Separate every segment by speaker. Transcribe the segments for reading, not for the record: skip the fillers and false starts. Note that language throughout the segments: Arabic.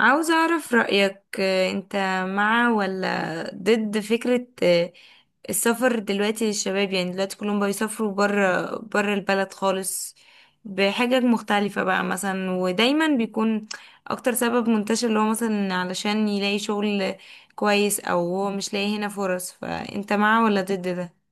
Speaker 1: عاوزة أعرف رأيك أنت مع ولا ضد فكرة السفر دلوقتي للشباب، يعني دلوقتي كلهم بيسافروا برا برا البلد خالص بحاجة مختلفة بقى مثلا، ودايما بيكون أكتر سبب منتشر اللي هو مثلا علشان يلاقي شغل كويس، أو هو مش لاقي هنا فرص، فأنت مع ولا ضد ده؟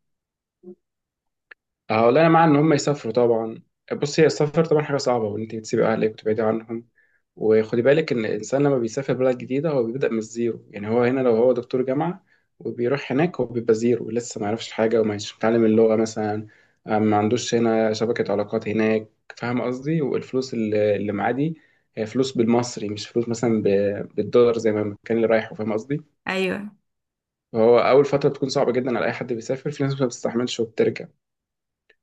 Speaker 2: اه، والله انا مع ان هم يسافروا طبعا. بص، هي السفر طبعا حاجه صعبه، وان انت بتسيبي اهلك وتبعدي عنهم. وخدي بالك ان الانسان لما بيسافر بلد جديده هو بيبدا من الزيرو. يعني هو هنا لو هو دكتور جامعه وبيروح هناك هو بيبقى زيرو، لسه ما يعرفش حاجه وما يش- متعلم اللغه مثلا. ما عندوش هنا شبكه علاقات هناك، فاهم قصدي؟ والفلوس اللي معاه دي هي فلوس بالمصري، مش فلوس مثلا بالدولار زي ما كان اللي رايحه، فاهم قصدي؟
Speaker 1: أيوه،
Speaker 2: فهو اول فتره بتكون صعبه جدا على اي حد بيسافر، في ناس ما بتستحملش وبترجع.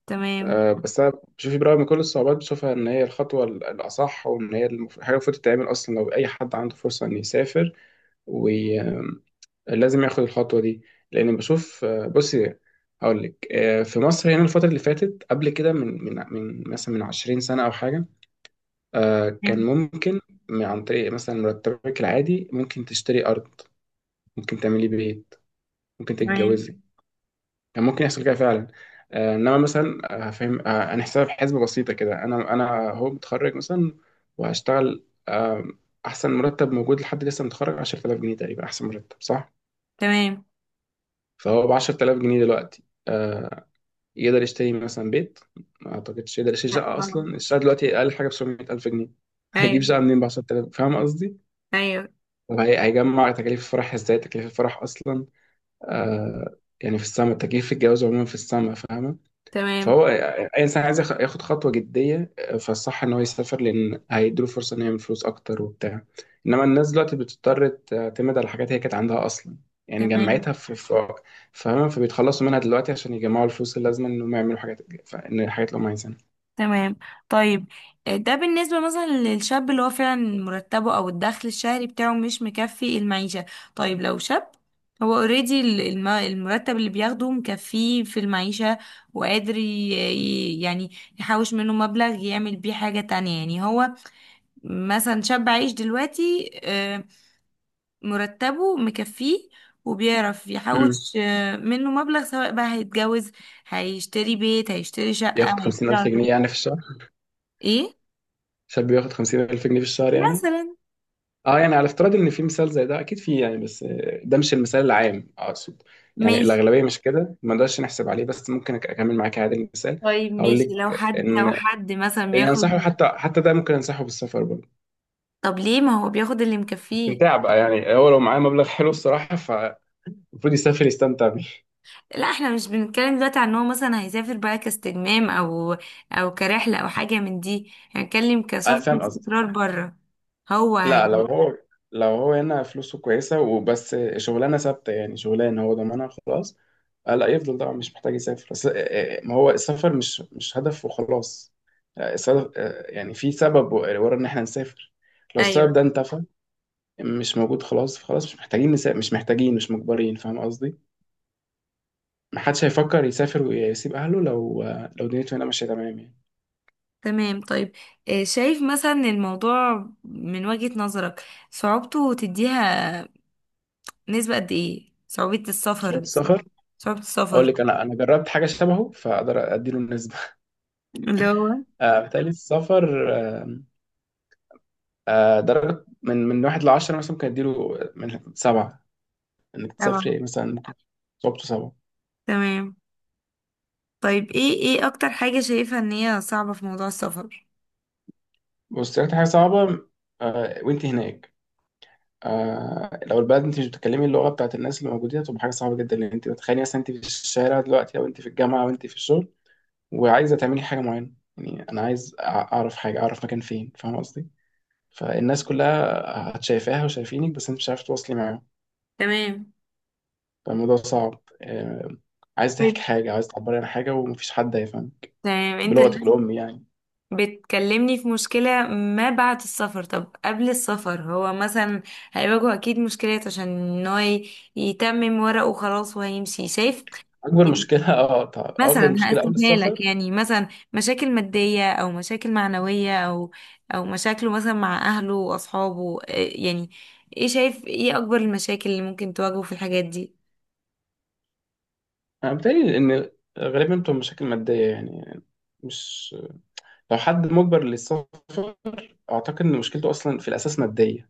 Speaker 1: تمام،
Speaker 2: بس انا بشوف برغم من كل الصعوبات بشوفها ان هي الخطوه الاصح، وان هي حاجه المفروض تتعمل اصلا لو اي حد عنده فرصه انه يسافر، ولازم ياخد الخطوه دي. لان بشوف بصي، هقول لك، في مصر هنا الفتره اللي فاتت قبل كده من مثلا من 20 سنه او حاجه، كان ممكن عن طريق مثلا مرتبك العادي ممكن تشتري ارض، ممكن تعملي بيت، ممكن
Speaker 1: تمام،
Speaker 2: تتجوزي. كان ممكن يحصل كده فعلا. انما مثلا، آه، فاهم آه، انا حساب حسبه بسيطه كده. انا هو متخرج مثلا وهشتغل، احسن مرتب موجود لحد لسه متخرج 10000 جنيه تقريبا، احسن مرتب، صح؟
Speaker 1: تمام،
Speaker 2: فهو ب 10000 جنيه دلوقتي يقدر يشتري مثلا بيت؟ ما اعتقدش يقدر يشتري شقه
Speaker 1: تمام.
Speaker 2: اصلا. الشقه دلوقتي اقل حاجه ب 700000 جنيه. هيجيب
Speaker 1: أيوه،
Speaker 2: شقه منين ب 10000؟ فاهم قصدي؟
Speaker 1: أيوه،
Speaker 2: وهيجمع تكاليف الفرح ازاي؟ تكاليف الفرح اصلا يعني في السما، تكاليف الجواز عموما في السما، فاهمه.
Speaker 1: تمام،
Speaker 2: فهو اي انسان عايز ياخد خطوه جديه، فالصح ان هو يسافر، لان هيديله فرصه انه يعمل فلوس اكتر وبتاع. انما الناس دلوقتي بتضطر تعتمد على حاجات هي كانت عندها اصلا، يعني
Speaker 1: تمام،
Speaker 2: جمعتها في في فاهمة؟ فبيتخلصوا منها دلوقتي عشان يجمعوا الفلوس اللازمه انهم يعملوا حاجات، ان الحاجات اللي هم عايزينها.
Speaker 1: تمام، طيب. ده بالنسبة مثلا للشاب اللي هو فعلا مرتبه أو الدخل الشهري بتاعه مش مكفي المعيشة. طيب لو شاب، هو اوريدي المرتب اللي بياخده مكفيه في المعيشة وقادر يعني يحوش منه مبلغ يعمل بيه حاجة تانية، يعني هو مثلا شاب عايش دلوقتي، مرتبه مكفيه وبيعرف
Speaker 2: امم
Speaker 1: يحوش منه مبلغ، سواء بقى هيتجوز، هيشتري بيت، هيشتري شقة،
Speaker 2: ياخد
Speaker 1: هيشتري
Speaker 2: 50000 جنيه
Speaker 1: عربية.
Speaker 2: يعني في الشهر؟
Speaker 1: ايه
Speaker 2: شاب ياخد 50000 جنيه في الشهر يعني؟
Speaker 1: مثلا،
Speaker 2: اه، يعني على افتراض ان في مثال زي ده، اكيد في يعني، بس ده مش المثال العام. اقصد يعني
Speaker 1: ماشي.
Speaker 2: الاغلبيه مش كده، ما نقدرش نحسب عليه، بس ممكن اكمل معاك عادي المثال.
Speaker 1: طيب
Speaker 2: هقول
Speaker 1: ماشي،
Speaker 2: لك
Speaker 1: لو حد
Speaker 2: ان،
Speaker 1: لو حد مثلا
Speaker 2: يعني، انصحه.
Speaker 1: بياخد.
Speaker 2: حتى ده ممكن انصحه بالسفر برضه،
Speaker 1: طب ليه، ما هو بياخد اللي مكفيه.
Speaker 2: استمتاع بقى. يعني هو لو معاه مبلغ حلو الصراحه فالمفروض يسافر يستمتع بيه.
Speaker 1: لا، احنا مش بنتكلم دلوقتي عن ان هو مثلا هيسافر بقى كاستجمام، او كرحلة، او حاجة من دي، هنتكلم كسفر
Speaker 2: فاهم
Speaker 1: واستقرار
Speaker 2: قصدك.
Speaker 1: بره. هو
Speaker 2: لا،
Speaker 1: هي.
Speaker 2: لو هو هنا فلوسه كويسة وبس، شغلانة ثابتة، يعني شغلانة هو ضامنها خلاص، لا يفضل طبعا، مش محتاج يسافر. بس ما هو السفر مش هدف وخلاص. السبب يعني في سبب ورا ان احنا نسافر، لو
Speaker 1: ايوه،
Speaker 2: السبب ده انتفى، مش موجود، خلاص خلاص مش محتاجين نسافر، مش محتاجين، مش مجبرين، فاهم قصدي؟ محدش هيفكر يسافر ويسيب اهله لو لو دنيته هنا ماشية تمام يعني.
Speaker 1: تمام، طيب، شايف مثلا الموضوع من وجهة نظرك، صعوبته تديها نسبة قد ايه؟ صعوبة
Speaker 2: شوية
Speaker 1: السفر.
Speaker 2: السفر؟
Speaker 1: صعوبة
Speaker 2: اقول
Speaker 1: السفر
Speaker 2: لك، انا جربت حاجة شبهه، فاقدر اديله النسبة.
Speaker 1: اللي هو،
Speaker 2: بالتالي السفر، درجة من واحد لعشرة مثلا، ممكن أديله من سبعة. إنك تسافري
Speaker 1: طبعا،
Speaker 2: مثلا، ممكن، صعوبته صعبة.
Speaker 1: تمام، طيب، ايه اكتر حاجة شايفة ان هي صعبة في موضوع السفر؟
Speaker 2: بص، أكتر حاجة صعبة وأنت هناك، لو البلد أنت مش بتتكلمي اللغة بتاعت الناس اللي موجودين هتبقى حاجة صعبة جدا، لأن أنت بتخيلي مثلا أنت في الشارع دلوقتي، أو أنت في الجامعة، أو أنت في الشغل، وعايزة تعملي حاجة معينة، يعني أنا عايز أعرف حاجة، أعرف مكان فين، فاهم قصدي؟ فالناس كلها هتشايفاها وشايفينك، بس أنت مش عارف تواصلي معاهم،
Speaker 1: تمام،
Speaker 2: فالموضوع صعب. عايز تحكي
Speaker 1: طيب،
Speaker 2: حاجة، عايز تعبري عن حاجة، ومفيش حد هيفهم
Speaker 1: تمام. انت
Speaker 2: بلغتك
Speaker 1: دلوقتي
Speaker 2: الأم يعني.
Speaker 1: بتكلمني في مشكلة ما بعد السفر، طب قبل السفر هو مثلا هيواجهه اكيد مشكلات، عشان ان هو يتمم ورقه وخلاص وهيمشي، شايف؟
Speaker 2: أكبر
Speaker 1: يعني
Speaker 2: مشكلة. اه، طبعا أكبر
Speaker 1: مثلا
Speaker 2: مشكلة قبل
Speaker 1: هقسمها لك
Speaker 2: السفر،
Speaker 1: يعني، مثلا مشاكل مادية او مشاكل معنوية، او مشاكله مثلا مع اهله واصحابه، يعني ايه، شايف ايه اكبر المشاكل اللي ممكن تواجهه في الحاجات دي؟
Speaker 2: أنا بتهيألي إن غالبا بتبقى مشاكل مادية يعني. مش، لو حد مجبر للسفر أعتقد إن مشكلته أصلا في الأساس مادية،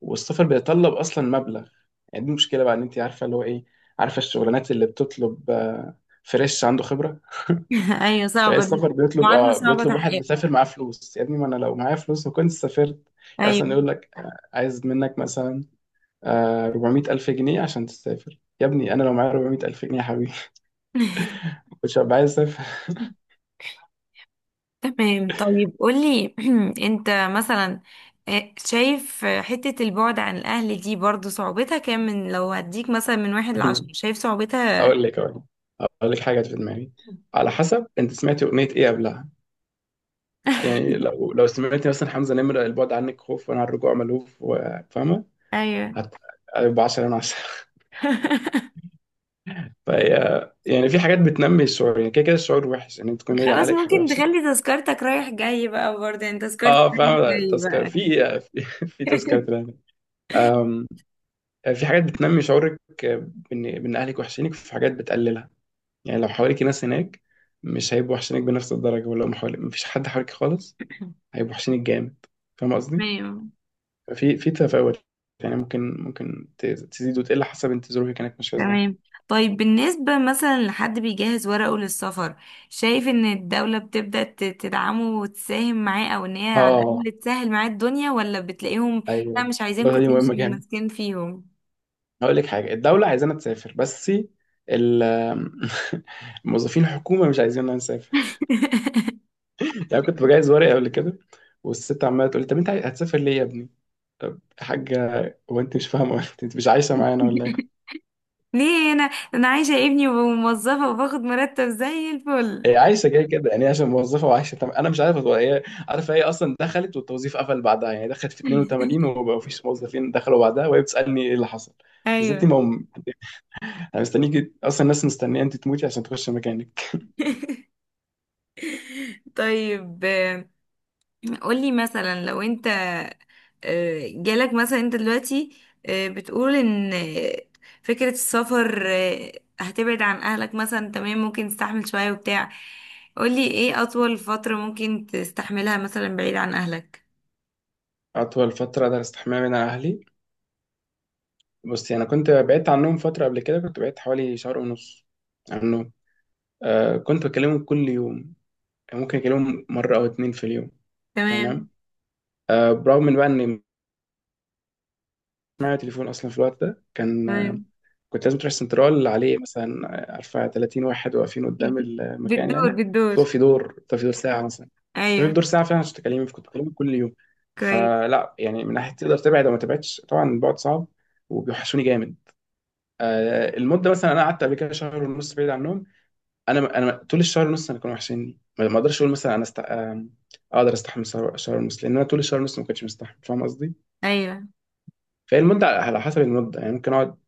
Speaker 2: والسفر بيتطلب أصلا مبلغ. يعني دي المشكلة بقى، إن أنت عارفة اللي هو إيه، عارفة الشغلانات اللي بتطلب فريش عنده خبرة.
Speaker 1: ايوه،
Speaker 2: فهي
Speaker 1: صعبة دي،
Speaker 2: السفر بيطلب،
Speaker 1: معادلة
Speaker 2: اه
Speaker 1: صعبة
Speaker 2: بيطلب واحد
Speaker 1: تحقيقها،
Speaker 2: مسافر معاه فلوس. يا ابني، ما انا لو معايا فلوس ما كنت سافرت. يعني مثلا
Speaker 1: ايوه،
Speaker 2: يقول لك عايز منك مثلا 400 ألف جنيه عشان تسافر. يا ابني، أنا لو معايا 400 ألف جنيه يا حبيبي، مش هبقى عايز أسافر.
Speaker 1: تمام. طيب قولي، انت مثلا، شايف حتة البعد عن الأهل دي برضو صعوبتها كام؟ من، لو هديك مثلا من 1 لـ 10، شايف صعوبتها؟
Speaker 2: أقول لك أقول لك حاجة جت في دماغي. على حسب أنت سمعتي أغنية إيه قبلها. يعني لو سمعتي مثلا حمزة نمرة، البعد عنك خوف وأنا على الرجوع ملهوف، فاهمة؟
Speaker 1: ايوه.
Speaker 2: هت- هيبقى 10 من 10. فهي يعني في حاجات بتنمي الشعور، يعني كده كده الشعور وحش، إن أنت تكون بعيد عن
Speaker 1: خلاص،
Speaker 2: أهلك حاجة
Speaker 1: ممكن
Speaker 2: وحشة.
Speaker 1: تخلي تذكرتك رايح جاي بقى، برضه يعني تذكرتك
Speaker 2: أه،
Speaker 1: رايح
Speaker 2: فاهمة،
Speaker 1: جاي
Speaker 2: تذكر
Speaker 1: بقى.
Speaker 2: في، في في تذكرة. في حاجات بتنمي شعورك بان اهلك وحشينك، في حاجات بتقللها. يعني لو حواليك ناس هناك، مش هيبقوا وحشينك بنفس الدرجه، ولو مفيش حد حواليك خالص هيبقوا وحشينك جامد، فاهم قصدي؟
Speaker 1: تمام،
Speaker 2: في تفاوت، يعني ممكن تزيد وتقل حسب انت ظروفك كانت ماشيه ازاي.
Speaker 1: تمام. طيب بالنسبة مثلا لحد بيجهز ورقه للسفر، شايف ان الدولة بتبدأ تدعمه وتساهم معاه؟ او ان هي على
Speaker 2: اه،
Speaker 1: الأقل تسهل معاه الدنيا، ولا بتلاقيهم: لا
Speaker 2: ايوه،
Speaker 1: مش عايزينكم
Speaker 2: النقطه دي مهمه
Speaker 1: تمشي
Speaker 2: جامد.
Speaker 1: وماسكين فيهم؟
Speaker 2: هقول لك حاجه، الدوله عايزانا تسافر، بس ال موظفين الحكومه مش عايزيننا نسافر. يعني كنت بجهز ورقه قبل كده، والست عماله تقول لي: طب انت هتسافر ليه يا ابني؟ حاجة! وانت مش فاهمة، انت مش عايشة معانا ولا ايه؟
Speaker 1: ليه؟ انا عايشة ابني وموظفة وباخد مرتب زي الفل.
Speaker 2: هي عايشة كده كده، يعني هي عشان موظفة وعايشة انا مش عارف. هو هي عارفة، هي اصلا دخلت والتوظيف قفل بعدها. يعني دخلت في 82، وما فيش موظفين دخلوا بعدها، وهي بتسألني ايه اللي حصل؟ إذا انت
Speaker 1: ايوه.
Speaker 2: انا مستنيك اصلا، الناس مستنية انت تموتي عشان تخش مكانك.
Speaker 1: طيب قولي مثلا، لو انت جالك مثلا، انت دلوقتي بتقول ان فكرة السفر، هتبعد عن اهلك مثلا، تمام، ممكن تستحمل شوية وبتاع، قولي ايه اطول فترة ممكن تستحملها مثلا بعيد عن اهلك؟
Speaker 2: اطول فترة درست حماية من اهلي. بصي، انا كنت بعدت عنهم فترة قبل كده، كنت بعدت حوالي شهر ونص عنهم. آه، كنت بكلمهم كل يوم، يعني ممكن اكلمهم مرة او اتنين في اليوم، تمام؟
Speaker 1: تمام،
Speaker 2: برغم من بقى ان معايا تليفون، اصلا في الوقت ده كان
Speaker 1: تمام.
Speaker 2: كنت لازم تروح سنترال عليه مثلا، عارفه 30 واحد واقفين قدام المكان
Speaker 1: بالدور
Speaker 2: يعني.
Speaker 1: بالدور،
Speaker 2: فهو في دور، طب في دور ساعه مثلا، طب في
Speaker 1: ايوه
Speaker 2: دور ساعه فعلا عشان تكلمني، كنت بكلمك كل يوم.
Speaker 1: كويس،
Speaker 2: فلا يعني، من ناحيه تقدر تبعد او ما تبعدش، طبعا البعد صعب وبيوحشوني جامد. المده مثلا انا قعدت قبل كده شهر ونص بعيد عنهم. انا طول الشهر ونص انا كانوا وحشيني، ما اقدرش اقول مثلا انا است... آه، اقدر استحمل شهر، شهر ونص، لان انا طول الشهر ونص ما كنتش مستحمل، فاهم قصدي؟
Speaker 1: ايوه
Speaker 2: فهي المده على حسب المده، يعني ممكن اقعد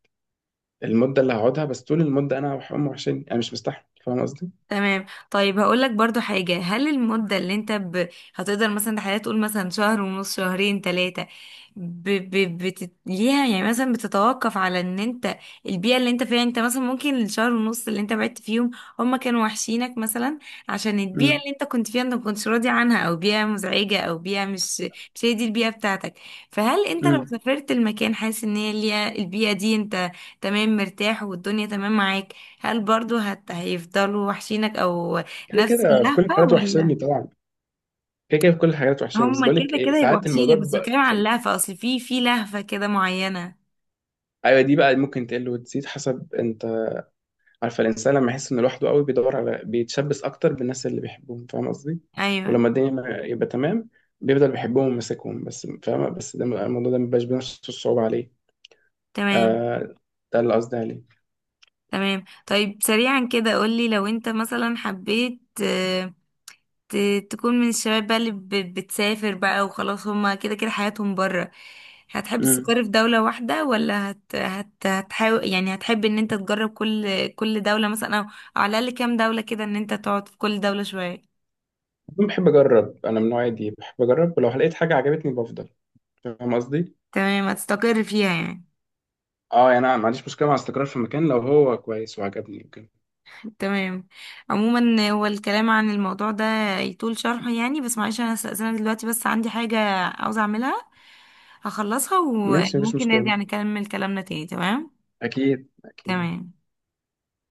Speaker 2: المده اللي هقعدها، بس طول المده انا امي وحشاني، انا مش مستحمل، فاهم قصدي؟
Speaker 1: تمام. طيب هقول لك برضو حاجة، هل المدة اللي انت هتقدر مثلا تحدد تقول مثلا شهر ونص، شهرين، ثلاثة؟ ليها يعني مثلا بتتوقف على ان انت البيئة اللي انت فيها، انت مثلا ممكن الشهر ونص اللي انت بعدت فيهم هما كانوا وحشينك مثلا عشان البيئة
Speaker 2: امم.
Speaker 1: اللي انت كنت فيها انت ما كنتش راضي عنها، او بيئة مزعجة، او بيئة مش هي دي البيئة بتاعتك، فهل انت لو
Speaker 2: امم.
Speaker 1: سافرت المكان حاسس ان هي البيئة دي انت تمام مرتاح والدنيا تمام معاك، هل برضو هيفضلوا وحشينك او
Speaker 2: كده
Speaker 1: نفس
Speaker 2: كده في كل
Speaker 1: اللهفة؟
Speaker 2: الحالات
Speaker 1: ولا
Speaker 2: وحشاني طبعا. كده كده في كل الحالات وحشاني، بس
Speaker 1: هما
Speaker 2: بقول لك
Speaker 1: كده
Speaker 2: ايه
Speaker 1: كده يبقوا
Speaker 2: ساعات الموضوع
Speaker 1: وحشينك، بس بتكلم
Speaker 2: بيبقى
Speaker 1: عن اللهفة، اصل في في لهفة كده معينة.
Speaker 2: ايوه، دي بقى ممكن تقل وتزيد حسب انت. عارفه الانسان لما يحس انه لوحده قوي، بيدور على، بيتشبث اكتر بالناس اللي بيحبهم، فاهم قصدي؟
Speaker 1: ايوه،
Speaker 2: ولما الدنيا ما يبقى تمام، بيفضل بيحبهم وماسكهم بس، فاهمه؟ بس ده الموضوع ده ما بيبقاش بنفس الصعوبه عليه.
Speaker 1: تمام،
Speaker 2: آه، ده اللي قصدي عليه.
Speaker 1: تمام. طيب سريعا كده قولي، لو انت مثلا حبيت ت... تكون من الشباب بقى اللي بتسافر بقى وخلاص، هما كده كده حياتهم بره، هتحب
Speaker 2: امم.
Speaker 1: تستقر في دولة واحدة؟ ولا هتحاول، يعني هتحب ان انت تجرب كل دولة مثلا، او على الاقل كام دولة كده، ان انت تقعد في كل دولة شوية؟
Speaker 2: بحب اجرب، انا من النوع دي، بحب اجرب، ولو لقيت حاجه عجبتني بفضل، فاهم قصدي؟
Speaker 1: تمام، هتستقر فيها يعني.
Speaker 2: اه، يعني انا ما عنديش مشكله مع استقرار في مكان لو هو كويس وعجبني وكده.
Speaker 1: تمام. عموما هو الكلام عن الموضوع ده يطول شرحه يعني، بس معلش انا استأذنك دلوقتي، بس عندي حاجة عاوزة اعملها، هخلصها
Speaker 2: ماشي، مفيش
Speaker 1: وممكن
Speaker 2: مشكله،
Speaker 1: نرجع نكمل كلامنا تاني، تمام.
Speaker 2: اكيد اكيد.
Speaker 1: تمام.